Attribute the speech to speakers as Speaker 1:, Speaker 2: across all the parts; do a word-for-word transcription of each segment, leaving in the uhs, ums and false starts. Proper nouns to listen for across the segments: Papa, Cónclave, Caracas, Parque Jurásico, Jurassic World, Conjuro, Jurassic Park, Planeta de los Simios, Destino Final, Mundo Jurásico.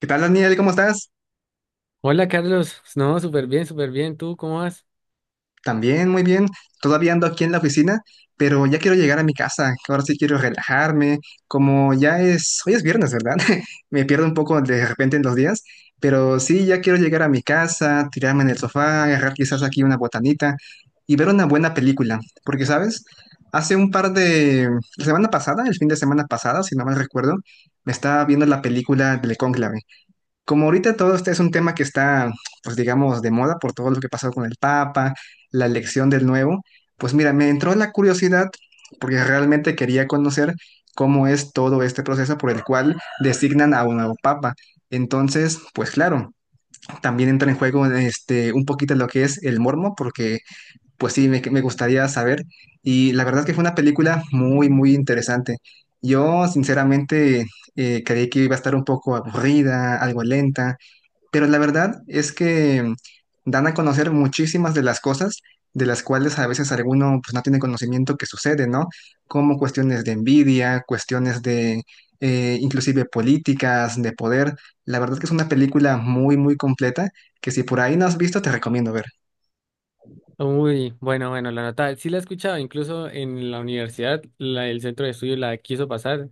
Speaker 1: ¿Qué tal, Daniel? ¿Cómo estás?
Speaker 2: Hola Carlos, no, súper bien, súper bien. ¿Tú cómo vas?
Speaker 1: También, muy bien. Todavía ando aquí en la oficina, pero ya quiero llegar a mi casa, que ahora sí quiero relajarme. Como ya es, hoy es viernes, ¿verdad? Me pierdo un poco de repente en los días, pero sí, ya quiero llegar a mi casa, tirarme en el sofá, agarrar quizás aquí una botanita y ver una buena película. Porque, ¿sabes? Hace un par de... La semana pasada, el fin de semana pasada, si no mal recuerdo, me estaba viendo la película del Cónclave. Como ahorita todo este es un tema que está, pues digamos, de moda por todo lo que pasó con el Papa, la elección del nuevo, pues mira, me entró la curiosidad porque realmente quería conocer cómo es todo este proceso por el cual designan a un nuevo Papa. Entonces, pues claro, también entra en juego este, un poquito lo que es el mormo, porque pues sí, me, me gustaría saber. Y la verdad es que fue una película muy, muy interesante. Yo, sinceramente, eh, creí que iba a estar un poco aburrida, algo lenta, pero la verdad es que dan a conocer muchísimas de las cosas de las cuales a veces alguno, pues, no tiene conocimiento que sucede, ¿no? Como cuestiones de envidia, cuestiones de eh, inclusive políticas, de poder. La verdad que es una película muy, muy completa que, si por ahí no has visto, te recomiendo ver.
Speaker 2: Uy, bueno, bueno, la nota sí la he escuchado, incluso en la universidad, la- el centro de estudio la quiso pasar,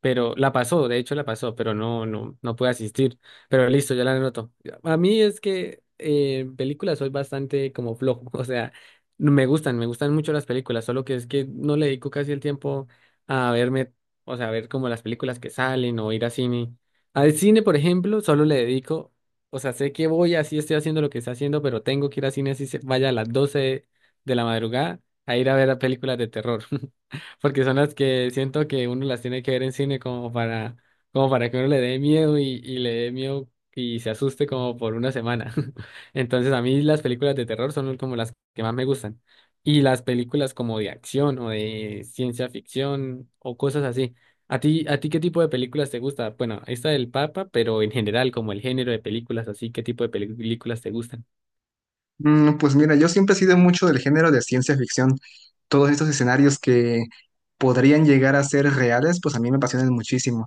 Speaker 2: pero la pasó, de hecho la pasó, pero no, no, no pude asistir. Pero listo, ya la anoto. A mí es que eh, en películas soy bastante como flojo, o sea, no me gustan, me gustan mucho las películas, solo que es que no le dedico casi el tiempo a verme, o sea, a ver como las películas que salen o ir a cine. Al cine, por ejemplo, solo le dedico, o sea, sé que voy, así estoy haciendo lo que estoy haciendo, pero tengo que ir al cine así se vaya a las doce de la madrugada a ir a ver películas de terror, porque son las que siento que uno las tiene que ver en cine como para, como para que uno le dé miedo y, y le dé miedo y se asuste como por una semana. Entonces, a mí las películas de terror son como las que más me gustan. Y las películas como de acción o de ciencia ficción o cosas así. ¿A ti, a ti qué tipo de películas te gusta? Bueno, esta del Papa, pero en general, como el género de películas, así, ¿qué tipo de peli- películas te gustan?
Speaker 1: Mm, Pues mira, yo siempre he sido mucho del género de ciencia ficción. Todos estos escenarios que podrían llegar a ser reales, pues a mí me apasionan muchísimo.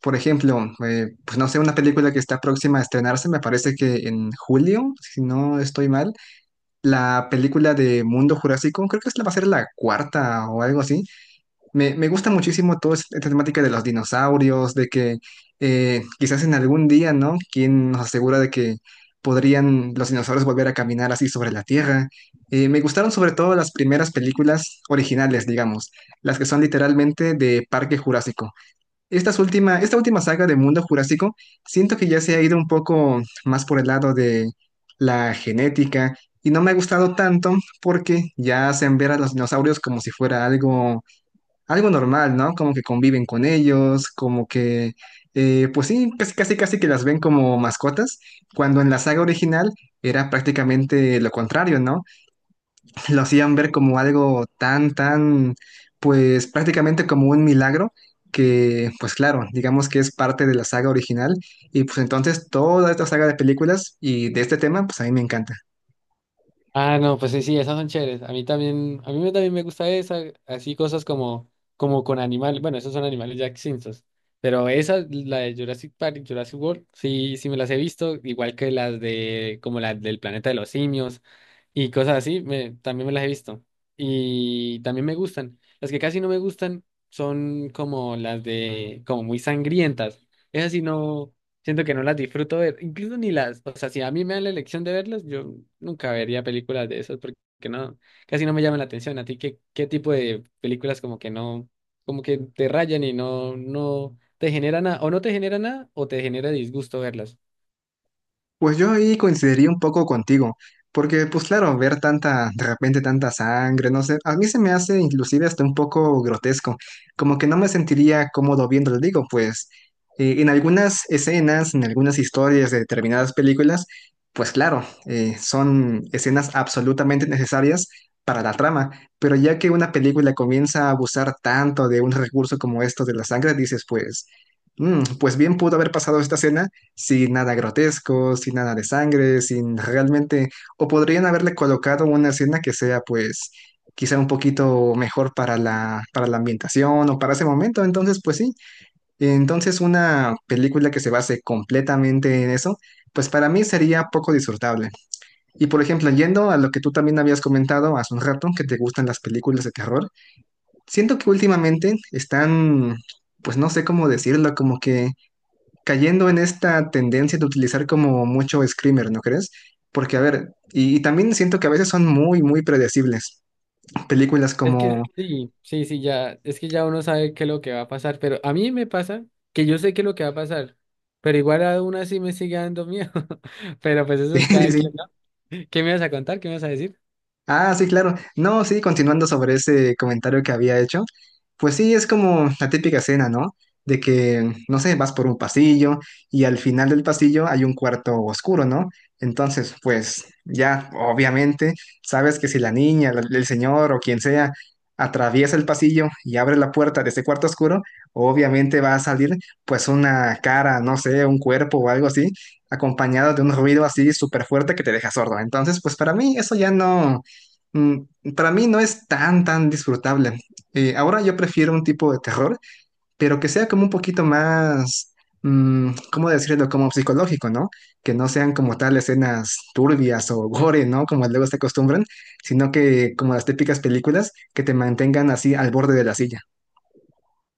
Speaker 1: Por ejemplo, eh, pues no sé, una película que está próxima a estrenarse, me parece que en julio, si no estoy mal, la película de Mundo Jurásico, creo que esta va a ser la cuarta o algo así. Me, me gusta muchísimo toda esta temática de los dinosaurios, de que eh, quizás en algún día, ¿no? ¿Quién nos asegura de que podrían los dinosaurios volver a caminar así sobre la Tierra? Eh, me gustaron sobre todo las primeras películas originales, digamos, las que son literalmente de Parque Jurásico. Estas última, esta última saga de Mundo Jurásico, siento que ya se ha ido un poco más por el lado de la genética y no me ha gustado tanto porque ya hacen ver a los dinosaurios como si fuera algo algo normal, ¿no? Como que conviven con ellos, como que, eh, pues sí, pues casi casi que las ven como mascotas, cuando en la saga original era prácticamente lo contrario, ¿no? Lo hacían ver como algo tan, tan, pues prácticamente como un milagro. Que pues claro, digamos que es parte de la saga original y pues entonces toda esta saga de películas y de este tema pues a mí me encanta.
Speaker 2: Ah, no, pues sí, sí, esas son chéveres. A mí también, a mí me- también me gusta esa, así cosas como, como con animales. Bueno, esos son animales ya extintos. Pero esa, la de Jurassic Park y Jurassic World, sí, sí me las he visto, igual que las de, como las del Planeta de los Simios, y cosas así, me, también me las he visto. Y también me gustan. Las que casi no me gustan son como las de, como muy sangrientas. Esas sí no, siento que no las disfruto ver, incluso ni las, o sea, si a mí me dan la elección de verlas, yo nunca vería películas de esas porque no, casi no me llaman la atención. ¿A ti qué, qué tipo de películas como que no, como que te rayan y no, no te genera nada, o no te genera nada, o te genera disgusto verlas?
Speaker 1: Pues yo ahí coincidiría un poco contigo, porque pues claro, ver tanta, de repente tanta sangre, no sé, a mí se me hace inclusive hasta un poco grotesco, como que no me sentiría cómodo viéndolo, digo, pues eh, en algunas escenas, en algunas historias de determinadas películas, pues claro, eh, son escenas absolutamente necesarias para la trama, pero ya que una película comienza a abusar tanto de un recurso como esto de la sangre, dices pues... "Mm, pues bien pudo haber pasado esta escena sin nada grotesco, sin nada de sangre, sin realmente, o podrían haberle colocado una escena que sea pues quizá un poquito mejor para la, para la ambientación o para ese momento, entonces pues sí, entonces una película que se base completamente en eso, pues para mí sería poco disfrutable. Y por ejemplo, yendo a lo que tú también habías comentado hace un rato, que te gustan las películas de terror, siento que últimamente están, pues no sé cómo decirlo, como que cayendo en esta tendencia de utilizar como mucho screamer, ¿no crees? Porque, a ver, y, y también siento que a veces son muy, muy predecibles. Películas
Speaker 2: Es que
Speaker 1: como,
Speaker 2: sí, sí, sí, ya, es que ya uno sabe qué es lo que va a pasar, pero a mí me pasa que yo sé qué es lo que va a pasar, pero igual aún así me sigue dando miedo, pero pues eso
Speaker 1: sí,
Speaker 2: es
Speaker 1: sí,
Speaker 2: cada
Speaker 1: sí.
Speaker 2: quien, ¿no? ¿Qué me vas a contar? ¿Qué me vas a decir?
Speaker 1: Ah, sí, claro. No, sí, continuando sobre ese comentario que había hecho, pues sí, es como la típica escena, ¿no? De que, no sé, vas por un pasillo y al final del pasillo hay un cuarto oscuro, ¿no? Entonces, pues ya, obviamente, sabes que si la niña, la- el señor o quien sea atraviesa el pasillo y abre la puerta de ese cuarto oscuro, obviamente va a salir pues una cara, no sé, un cuerpo o algo así, acompañado de un ruido así súper fuerte que te deja sordo. Entonces, pues para mí eso ya no. Mm, Para mí no es tan, tan disfrutable. Eh, ahora yo prefiero un tipo de terror, pero que sea como un poquito más, mm, ¿cómo decirlo? Como psicológico, ¿no? Que no sean como tal escenas turbias o gore, ¿no? Como luego se acostumbran, sino que como las típicas películas que te mantengan así al borde de la silla.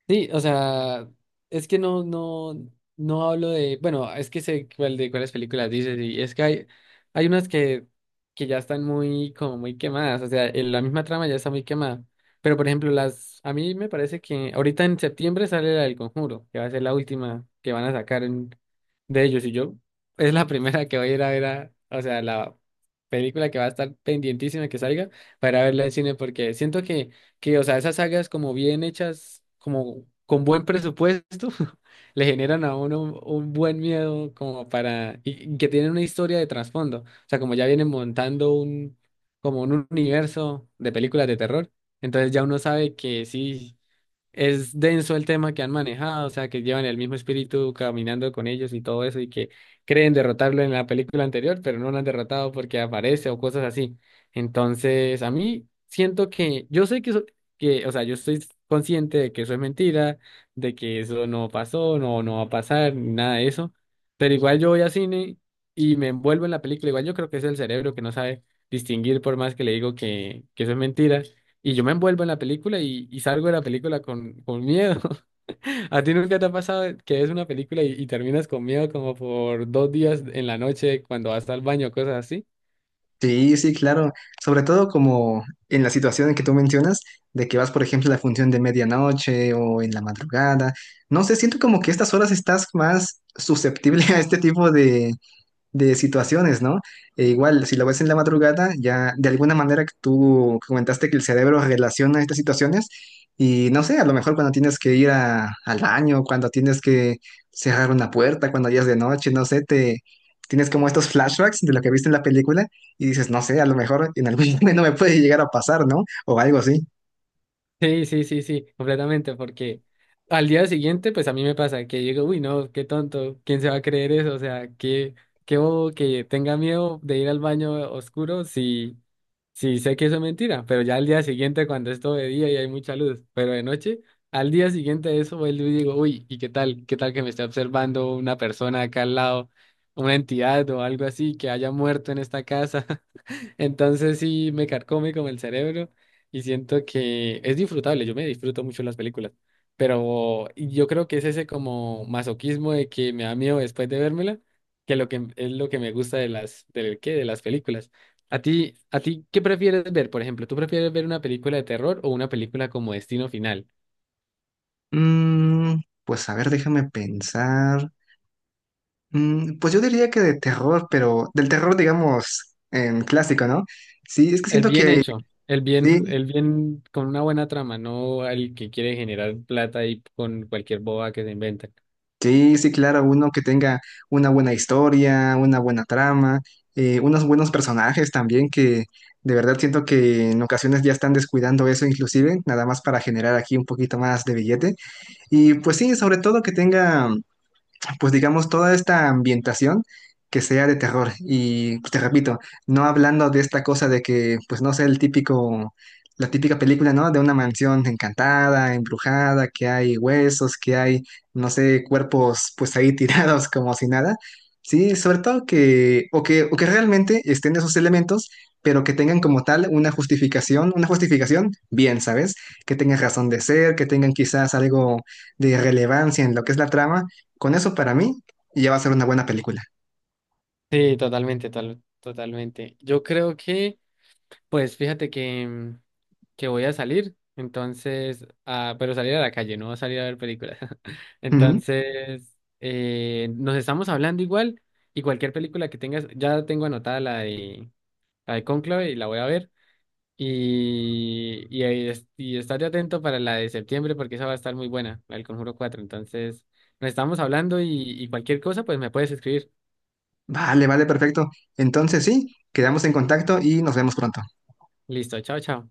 Speaker 2: Sí, o sea, es que no, no, no hablo de, bueno, es que sé cuál de cuáles películas dices, y es que hay, hay unas que, que ya están muy, como muy quemadas, o sea, en la misma trama ya está muy quemada. Pero por ejemplo, las, a mí me parece que ahorita en septiembre sale la del Conjuro, que va a ser la última que van a sacar en- de ellos, y yo, es la primera que voy a ir a ver a, o sea, la película que va a estar pendientísima que salga para verla en cine, porque siento que que, o sea, esas sagas como bien hechas, como con buen presupuesto, le generan a uno un, un buen miedo como para, y, y que tienen una historia de trasfondo, o sea, como ya vienen montando un, como un universo de películas de terror, entonces ya uno sabe que sí es denso el tema que han manejado, o sea, que llevan el mismo espíritu caminando con ellos y todo eso, y que creen derrotarlo en la película anterior, pero no lo han derrotado porque aparece o cosas así. Entonces, a mí siento que, yo sé que eso, que, o sea, yo estoy consciente de que eso es mentira, de que eso no pasó, no, no va a pasar, ni nada de eso, pero igual yo voy al cine y me envuelvo en la película, igual yo creo que es el cerebro que no sabe distinguir por más que le digo que, que eso es mentira y yo me envuelvo en la película y, y salgo de la película con, con miedo. ¿A ti nunca te ha pasado que ves una película y, y terminas con miedo como por dos días en la noche cuando vas al baño, cosas así?
Speaker 1: Sí, sí, claro. Sobre todo como en la situación en que tú mencionas, de que vas, por ejemplo, a la función de medianoche o en la madrugada. No sé, siento como que estas horas estás más susceptible a este tipo de, de situaciones, ¿no? E igual, si lo ves en la madrugada, ya de alguna manera que tú comentaste que el cerebro relaciona estas situaciones y no sé, a lo mejor cuando tienes que ir a- al baño, cuando tienes que cerrar una puerta, cuando ya es de noche, no sé, te tienes como estos flashbacks de lo que viste en la película y dices, no sé, a lo mejor en algún momento me puede llegar a pasar, ¿no? O algo así.
Speaker 2: Sí, sí, sí, sí, completamente, porque al día siguiente, pues a mí me pasa que digo, uy, no, qué tonto, ¿quién se va a creer eso? O sea, qué, qué bobo que tenga miedo de ir al baño oscuro si, sí, sé que eso es mentira, pero ya al día siguiente, cuando es todo de día y hay mucha luz, pero de noche, al día siguiente de eso, vuelvo y digo, uy, ¿y qué tal? ¿Qué tal que me esté observando una persona acá al lado, una entidad o algo así que haya muerto en esta casa? Entonces sí me carcome como el cerebro y siento que es disfrutable, yo me disfruto mucho las películas, pero yo creo que es ese como masoquismo de que me da miedo después de vérmela, que lo que es lo que me gusta de las del qué de las películas. A ti, a ti ¿qué prefieres ver? Por ejemplo, ¿tú prefieres ver una película de terror o una película como Destino Final?
Speaker 1: Mm, pues a ver, déjame pensar. Mm, Pues yo diría que de terror, pero del terror, digamos, em, clásico, ¿no? Sí, es que
Speaker 2: El
Speaker 1: siento
Speaker 2: bien
Speaker 1: que
Speaker 2: hecho, el bien,
Speaker 1: sí,
Speaker 2: el bien con una buena trama, no el que quiere generar plata y con cualquier boba que se inventa.
Speaker 1: sí, sí, claro, uno que tenga una buena historia, una buena trama, eh, unos buenos personajes también, que de verdad siento que en ocasiones ya están descuidando eso inclusive, nada más para generar aquí un poquito más de billete. Y pues sí, sobre todo que tenga pues digamos, toda esta ambientación que sea de terror. Y pues, te repito, no hablando de esta cosa de que, pues no sé, el típico, la típica película, ¿no? De una mansión encantada, embrujada, que hay huesos, que hay, no sé, cuerpos pues ahí tirados como si nada. Sí, sobre todo que, o que, o que realmente estén esos elementos, pero que tengan como tal una justificación, una justificación bien, ¿sabes? Que tengan razón de ser, que tengan quizás algo de relevancia en lo que es la trama, con eso para mí ya va a ser una buena película.
Speaker 2: Sí, totalmente, tal- totalmente. Yo creo que, pues fíjate que, mm, que voy a salir, entonces, ah, pero salir a la calle, no salir a ver películas.
Speaker 1: Ujú.
Speaker 2: Entonces, eh, nos estamos hablando igual y cualquier película que tengas, ya tengo anotada la de, la de Cónclave y la voy a ver. Y, y, ahí es- y estate atento para la de septiembre porque esa va a estar muy buena, la del Conjuro cuatro. Entonces, nos estamos hablando y, y cualquier cosa, pues me puedes escribir.
Speaker 1: Vale, vale, perfecto. Entonces sí, quedamos en contacto y nos vemos pronto.
Speaker 2: Listo, chao, chao.